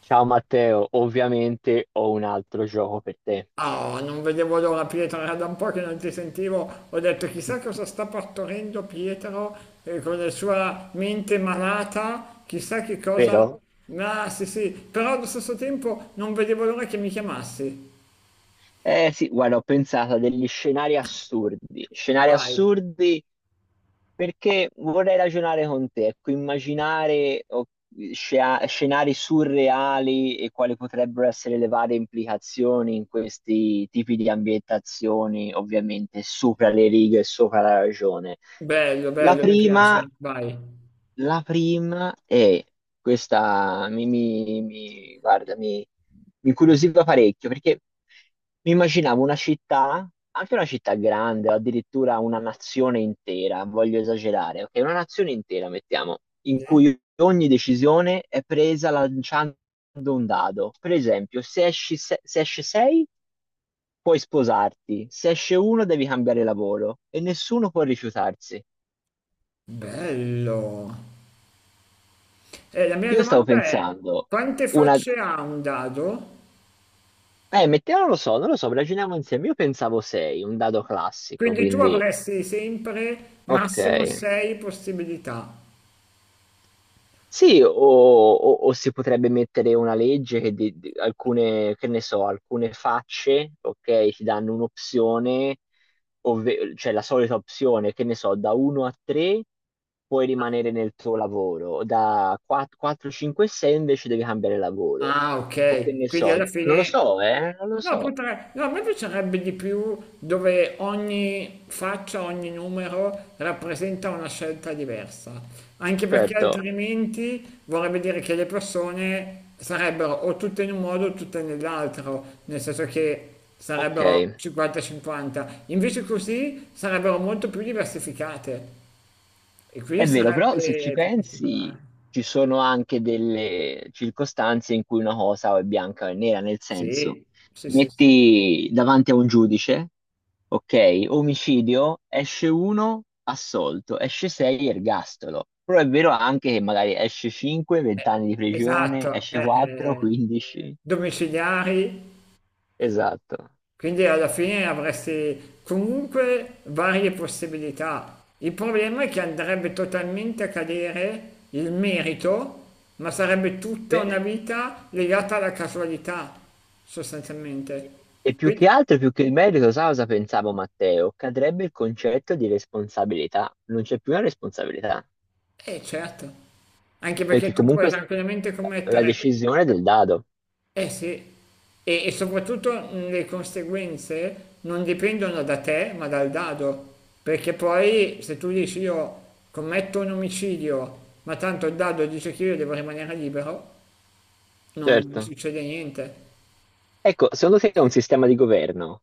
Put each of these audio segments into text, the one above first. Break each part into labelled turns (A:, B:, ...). A: Ciao Matteo, ovviamente ho un altro gioco per te,
B: Oh, non vedevo l'ora, Pietro, era da un po' che non ti sentivo, ho detto chissà cosa sta partorendo Pietro con la sua mente malata, chissà che cosa.
A: vero?
B: Ah, sì, sì, però allo stesso tempo non vedevo l'ora che mi chiamassi.
A: Eh sì, guarda, ho pensato a degli scenari
B: Vai,
A: assurdi perché vorrei ragionare con te, ecco, immaginare oh, scenari surreali e quali potrebbero essere le varie implicazioni in questi tipi di ambientazioni, ovviamente sopra le righe e sopra la ragione.
B: bello,
A: La
B: bello, mi
A: prima
B: piace, vai.
A: La prima è questa, mi incuriosiva parecchio perché mi immaginavo una città, anche una città grande, o addirittura una nazione intera, voglio esagerare, ok? Una nazione intera, mettiamo, in
B: Sì?
A: cui ogni decisione è presa lanciando un dado. Per esempio, se esci, se, se esce 6, puoi sposarti, se esce 1 devi cambiare lavoro e nessuno può rifiutarsi.
B: Bello. E la mia
A: Io stavo
B: domanda è,
A: pensando.
B: quante facce ha un dado?
A: Mettiamo, lo so, non lo so, ragioniamo insieme. Io pensavo 6, un dado classico,
B: Quindi tu
A: quindi
B: avresti sempre
A: ok.
B: massimo 6 possibilità.
A: Sì, o si potrebbe mettere una legge che alcune, che ne so, alcune facce, ok, ti danno un'opzione, cioè la solita opzione, che ne so, da 1 a 3 puoi rimanere nel tuo lavoro, da 4, 5 e 6 invece devi cambiare lavoro.
B: Ah,
A: O che
B: ok.
A: ne
B: Quindi alla
A: so, non lo
B: fine.
A: so, non lo
B: No,
A: so.
B: potrei. No, a me piacerebbe di più dove ogni faccia, ogni numero rappresenta una scelta diversa. Anche perché
A: Certo,
B: altrimenti vorrebbe dire che le persone sarebbero o tutte in un modo o tutte nell'altro, nel senso che sarebbero
A: ok.
B: 50-50. Invece così sarebbero molto più diversificate e
A: È
B: quindi
A: vero, però se ci
B: sarebbe più
A: pensi,
B: particolare.
A: ci sono anche delle circostanze in cui una cosa o è bianca o è nera, nel senso,
B: Sì, sì, sì, sì.
A: metti davanti a un giudice, ok, omicidio, esce uno, assolto, esce sei, ergastolo. Però è vero anche che magari esce 5, 20
B: Eh,
A: anni di prigione,
B: esatto,
A: esce 4, 15.
B: domiciliari,
A: Esatto.
B: quindi alla fine avresti comunque varie possibilità. Il problema è che andrebbe totalmente a cadere il merito, ma sarebbe tutta una
A: Sì.
B: vita legata alla casualità, sostanzialmente.
A: E più che
B: Quindi,
A: altro, più che il merito, sai cosa pensavo, Matteo? Cadrebbe il concetto di responsabilità. Non c'è più una responsabilità,
B: eh, certo, anche perché
A: perché
B: tu puoi
A: comunque
B: tranquillamente
A: la
B: commettere.
A: decisione è del dado.
B: Eh, sì, e soprattutto le conseguenze non dipendono da te, ma dal dado, perché poi se tu dici io commetto un omicidio, ma tanto il dado dice che io devo rimanere libero, non
A: Certo.
B: succede niente.
A: Ecco, secondo te un sistema di governo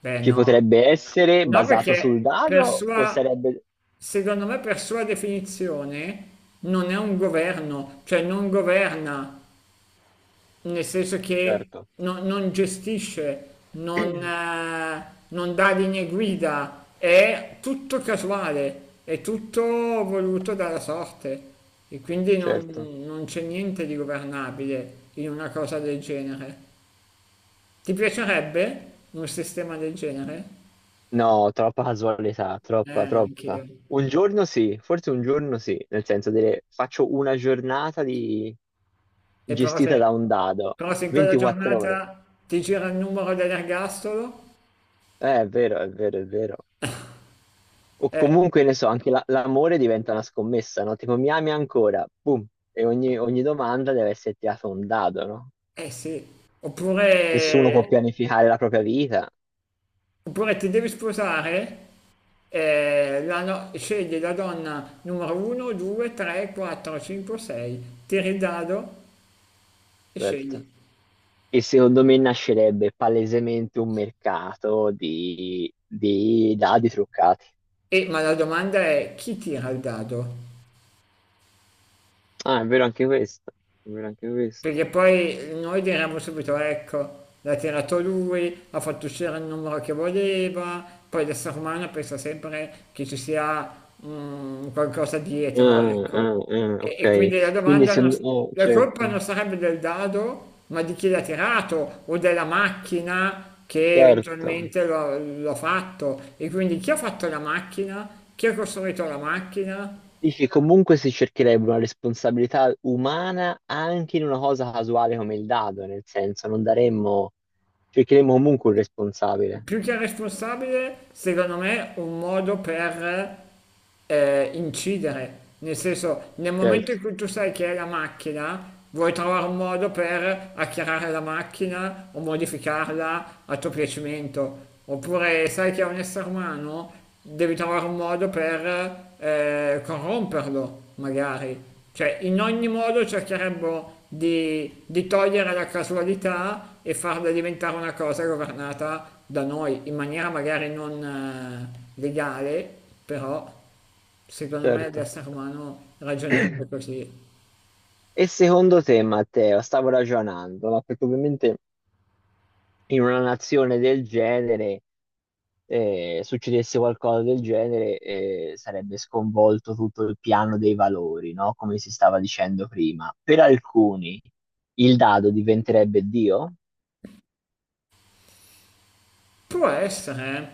B: Beh,
A: ci
B: no.
A: potrebbe essere
B: No,
A: basato sul
B: perché per
A: dado o
B: sua,
A: sarebbe...
B: secondo me per sua definizione non è un governo, cioè non governa. Nel senso che
A: Certo.
B: non, non gestisce, non dà linee guida, è tutto casuale, è tutto voluto dalla sorte e quindi non,
A: Certo.
B: non c'è niente di governabile in una cosa del genere. Ti piacerebbe un sistema del genere?
A: No, troppa casualità, troppa,
B: Anch'io.
A: troppa. Un giorno sì, forse un giorno sì, nel senso, dire faccio una giornata di...
B: E però se,
A: gestita da un dado,
B: in quella
A: 24 ore.
B: giornata ti gira il numero dell'ergastolo,
A: È vero, è vero, è vero. O
B: eh,
A: comunque, ne so, anche l'amore diventa una scommessa, no? Tipo, mi ami ancora? Boom. E ogni domanda deve essere tirata un dado, no?
B: eh, sì,
A: Nessuno può
B: oppure
A: pianificare la propria vita,
B: Oppure ti devi sposare, la no- scegli la donna numero 1, 2, 3, 4, 5, 6, tiri il dado e
A: certo.
B: scegli.
A: E secondo me nascerebbe palesemente un mercato di dadi truccati.
B: E, ma la domanda è, chi tira il dado?
A: Ah, è vero anche questo. È vero anche questo.
B: Perché poi noi diremmo subito, ecco, l'ha tirato lui, ha fatto uscire il numero che voleva, poi l'essere umano pensa sempre che ci sia qualcosa dietro,
A: Ah,
B: ecco.
A: ah, ah,
B: E,
A: ok.
B: e quindi la
A: Quindi
B: domanda,
A: se...
B: non s-
A: oh,
B: la colpa
A: certo,
B: non sarebbe del dado, ma di chi l'ha tirato o della macchina che
A: certo.
B: eventualmente l'ha fatto. E quindi chi ha fatto la macchina, chi ha costruito la macchina,
A: Dici, comunque si cercherebbe una responsabilità umana anche in una cosa casuale come il dado, nel senso non daremmo, cercheremmo comunque un responsabile.
B: più che responsabile, secondo me, un modo per incidere. Nel senso, nel momento
A: Certo,
B: in cui tu sai che è la macchina, vuoi trovare un modo per acchiarare la macchina o modificarla a tuo piacimento. Oppure sai che è un essere umano, devi trovare un modo per corromperlo, magari. Cioè, in ogni modo cercherebbero di togliere la casualità e farla diventare una cosa governata da noi, in maniera magari non legale, però secondo me
A: certo.
B: l'essere umano ragionerebbe così.
A: E secondo te, Matteo, stavo ragionando, ma perché ovviamente in una nazione del genere, succedesse qualcosa del genere, sarebbe sconvolto tutto il piano dei valori, no? Come si stava dicendo prima. Per alcuni il dado diventerebbe Dio?
B: Può essere, eh.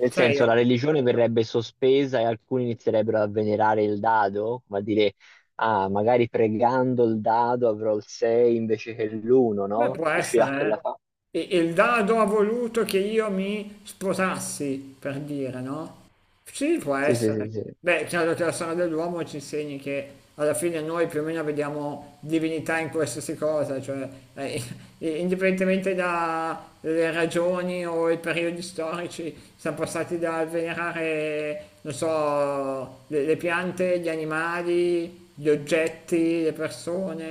A: Nel
B: Sai,
A: senso,
B: io.
A: la religione verrebbe sospesa e alcuni inizierebbero a venerare il dado, ma dire, ah, magari pregando il dado avrò il 6 invece che l'1,
B: Beh,
A: no?
B: può
A: Uscirà quella
B: essere,
A: fa.
B: eh. E il dado ha voluto che io mi sposassi, per dire, no? Sì, può
A: Sì, sì,
B: essere.
A: sì, sì.
B: Beh, chiaro che la storia dell'uomo ci insegni che alla fine noi più o meno vediamo divinità in qualsiasi cosa, cioè, eh, indipendentemente dalle ragioni o i periodi storici, siamo passati dal venerare, non so, le piante, gli animali, gli oggetti, le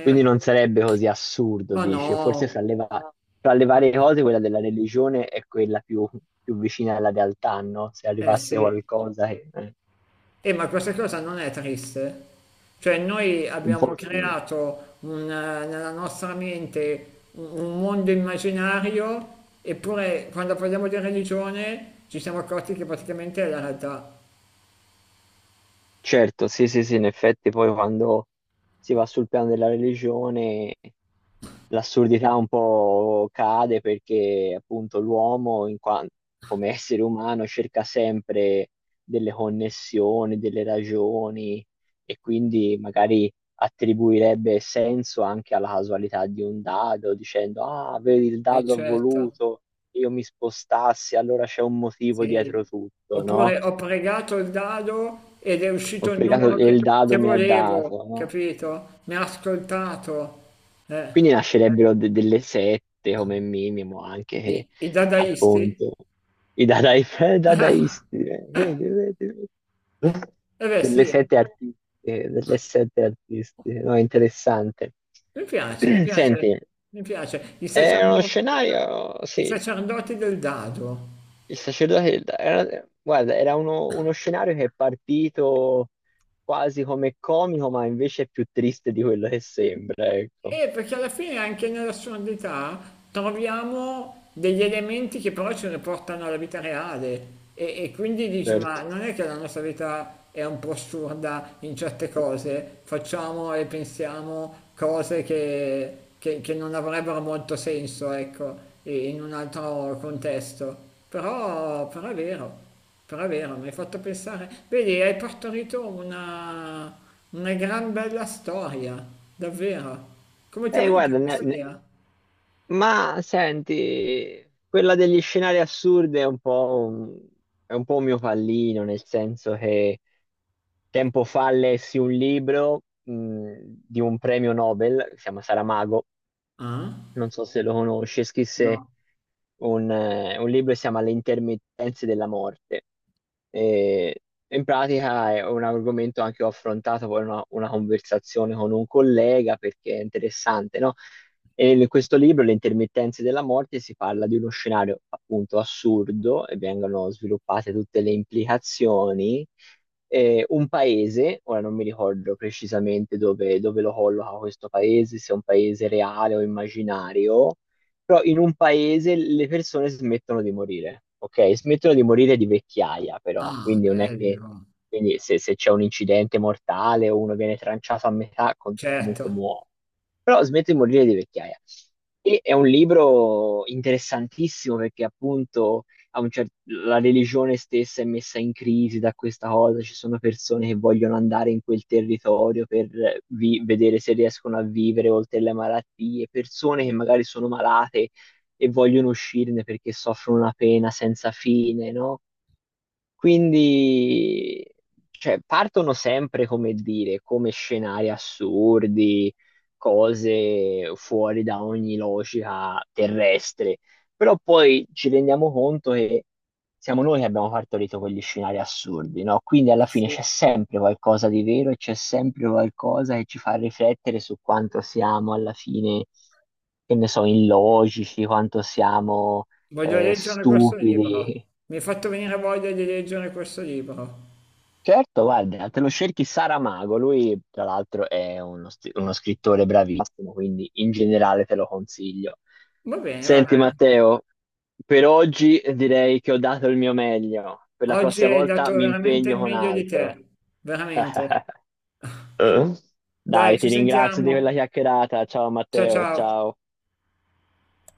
A: Quindi non sarebbe così assurdo,
B: Ma sì, sì, sì.
A: dici. O forse
B: No,
A: fra fra le varie
B: No.
A: cose quella della religione è quella più, più vicina alla realtà, no? Se
B: Eh,
A: arrivasse
B: sì.
A: qualcosa che...
B: Ma questa cosa non è triste. Cioè, noi
A: un
B: abbiamo
A: po' sì.
B: creato nella nostra mente un mondo immaginario, eppure quando parliamo di religione ci siamo accorti che praticamente è la realtà,
A: Certo, sì, sì, sì, in effetti poi quando si va sul piano della religione l'assurdità un po' cade perché appunto l'uomo come essere umano cerca sempre delle connessioni, delle ragioni e quindi magari attribuirebbe senso anche alla casualità di un dado, dicendo ah, vedi, il dado ha
B: eccetera.
A: voluto che io mi spostassi, allora c'è un motivo dietro
B: Sì.
A: tutto, no?
B: Oppure ho pregato il dado ed è
A: Ho
B: uscito il
A: pregato
B: numero
A: e
B: che,
A: il
B: che
A: dado mi ha dato,
B: volevo,
A: no?
B: capito? Mi ha ascoltato. Eh,
A: Quindi nascerebbero delle sette come minimo, anche
B: i,
A: che
B: i dadaisti?
A: appunto i
B: Ah,
A: dadaisti, vedi, vedi, vedi.
B: eh, beh,
A: Delle
B: sì,
A: sette artistiche, delle sette artistiche, no, interessante.
B: mi piace, mi piace,
A: Senti,
B: mi piace.
A: è uno scenario,
B: I
A: sì,
B: sacerdoti del dado.
A: il sacerdote, guarda, era uno, uno scenario che è partito quasi come comico, ma invece è più triste di quello che sembra, ecco,
B: E perché alla fine anche nell'assurdità troviamo degli elementi che però ci riportano alla vita reale e quindi dici ma
A: certo.
B: non è che la nostra vita è un po' assurda in certe cose, facciamo e pensiamo cose che non avrebbero molto senso, ecco, in un altro contesto, però è vero. Però è vero, mi hai fatto pensare. Vedi, hai partorito una gran bella storia, davvero. Come ti è venuta
A: Guarda,
B: questa idea?
A: ma senti, quella degli scenari assurdi è un po' un, è un po' un mio pallino, nel senso che tempo fa lessi un libro di un premio Nobel, che si chiama Saramago,
B: Ah?
A: non so se lo conosce, scrisse
B: No.
A: un libro che si chiama Le intermittenze della morte. E in pratica è un argomento anche che ho affrontato poi in una conversazione con un collega perché è interessante, no? E in questo libro, Le intermittenze della morte, si parla di uno scenario appunto assurdo e vengono sviluppate tutte le implicazioni. Un paese, ora non mi ricordo precisamente dove, dove lo colloca questo paese, se è un paese reale o immaginario, però in un paese le persone smettono di morire, ok? Smettono di morire di vecchiaia, però,
B: Ah,
A: quindi non è che
B: bello.
A: quindi se, se c'è un incidente mortale o uno viene tranciato a metà, comunque
B: Certo.
A: muore, però smetto di morire di vecchiaia. E è un libro interessantissimo perché appunto a un la religione stessa è messa in crisi da questa cosa, ci sono persone che vogliono andare in quel territorio per vedere se riescono a vivere oltre le malattie, persone che magari sono malate e vogliono uscirne perché soffrono una pena senza fine, no? Quindi, cioè, partono sempre, come dire, come scenari assurdi, cose fuori da ogni logica terrestre, però poi ci rendiamo conto che siamo noi che abbiamo partorito quegli scenari assurdi, no? Quindi alla
B: Eh,
A: fine
B: sì.
A: c'è sempre qualcosa di vero e c'è sempre qualcosa che ci fa riflettere su quanto siamo alla fine, che ne so, illogici, quanto siamo
B: Voglio leggere questo libro.
A: stupidi.
B: Mi hai fatto venire voglia di leggere questo libro.
A: Certo, guarda, te lo cerchi Saramago, lui tra l'altro è uno, uno scrittore bravissimo, quindi in generale te lo consiglio.
B: Va bene, va
A: Senti
B: bene.
A: Matteo, per oggi direi che ho dato il mio meglio, per la
B: Oggi
A: prossima
B: hai
A: volta
B: dato
A: mi
B: veramente il
A: impegno con
B: meglio di
A: altro.
B: te. Veramente.
A: Eh?
B: Dai,
A: Dai, ti
B: ci
A: ringrazio di quella
B: sentiamo.
A: chiacchierata, ciao
B: Ciao,
A: Matteo,
B: ciao.
A: ciao.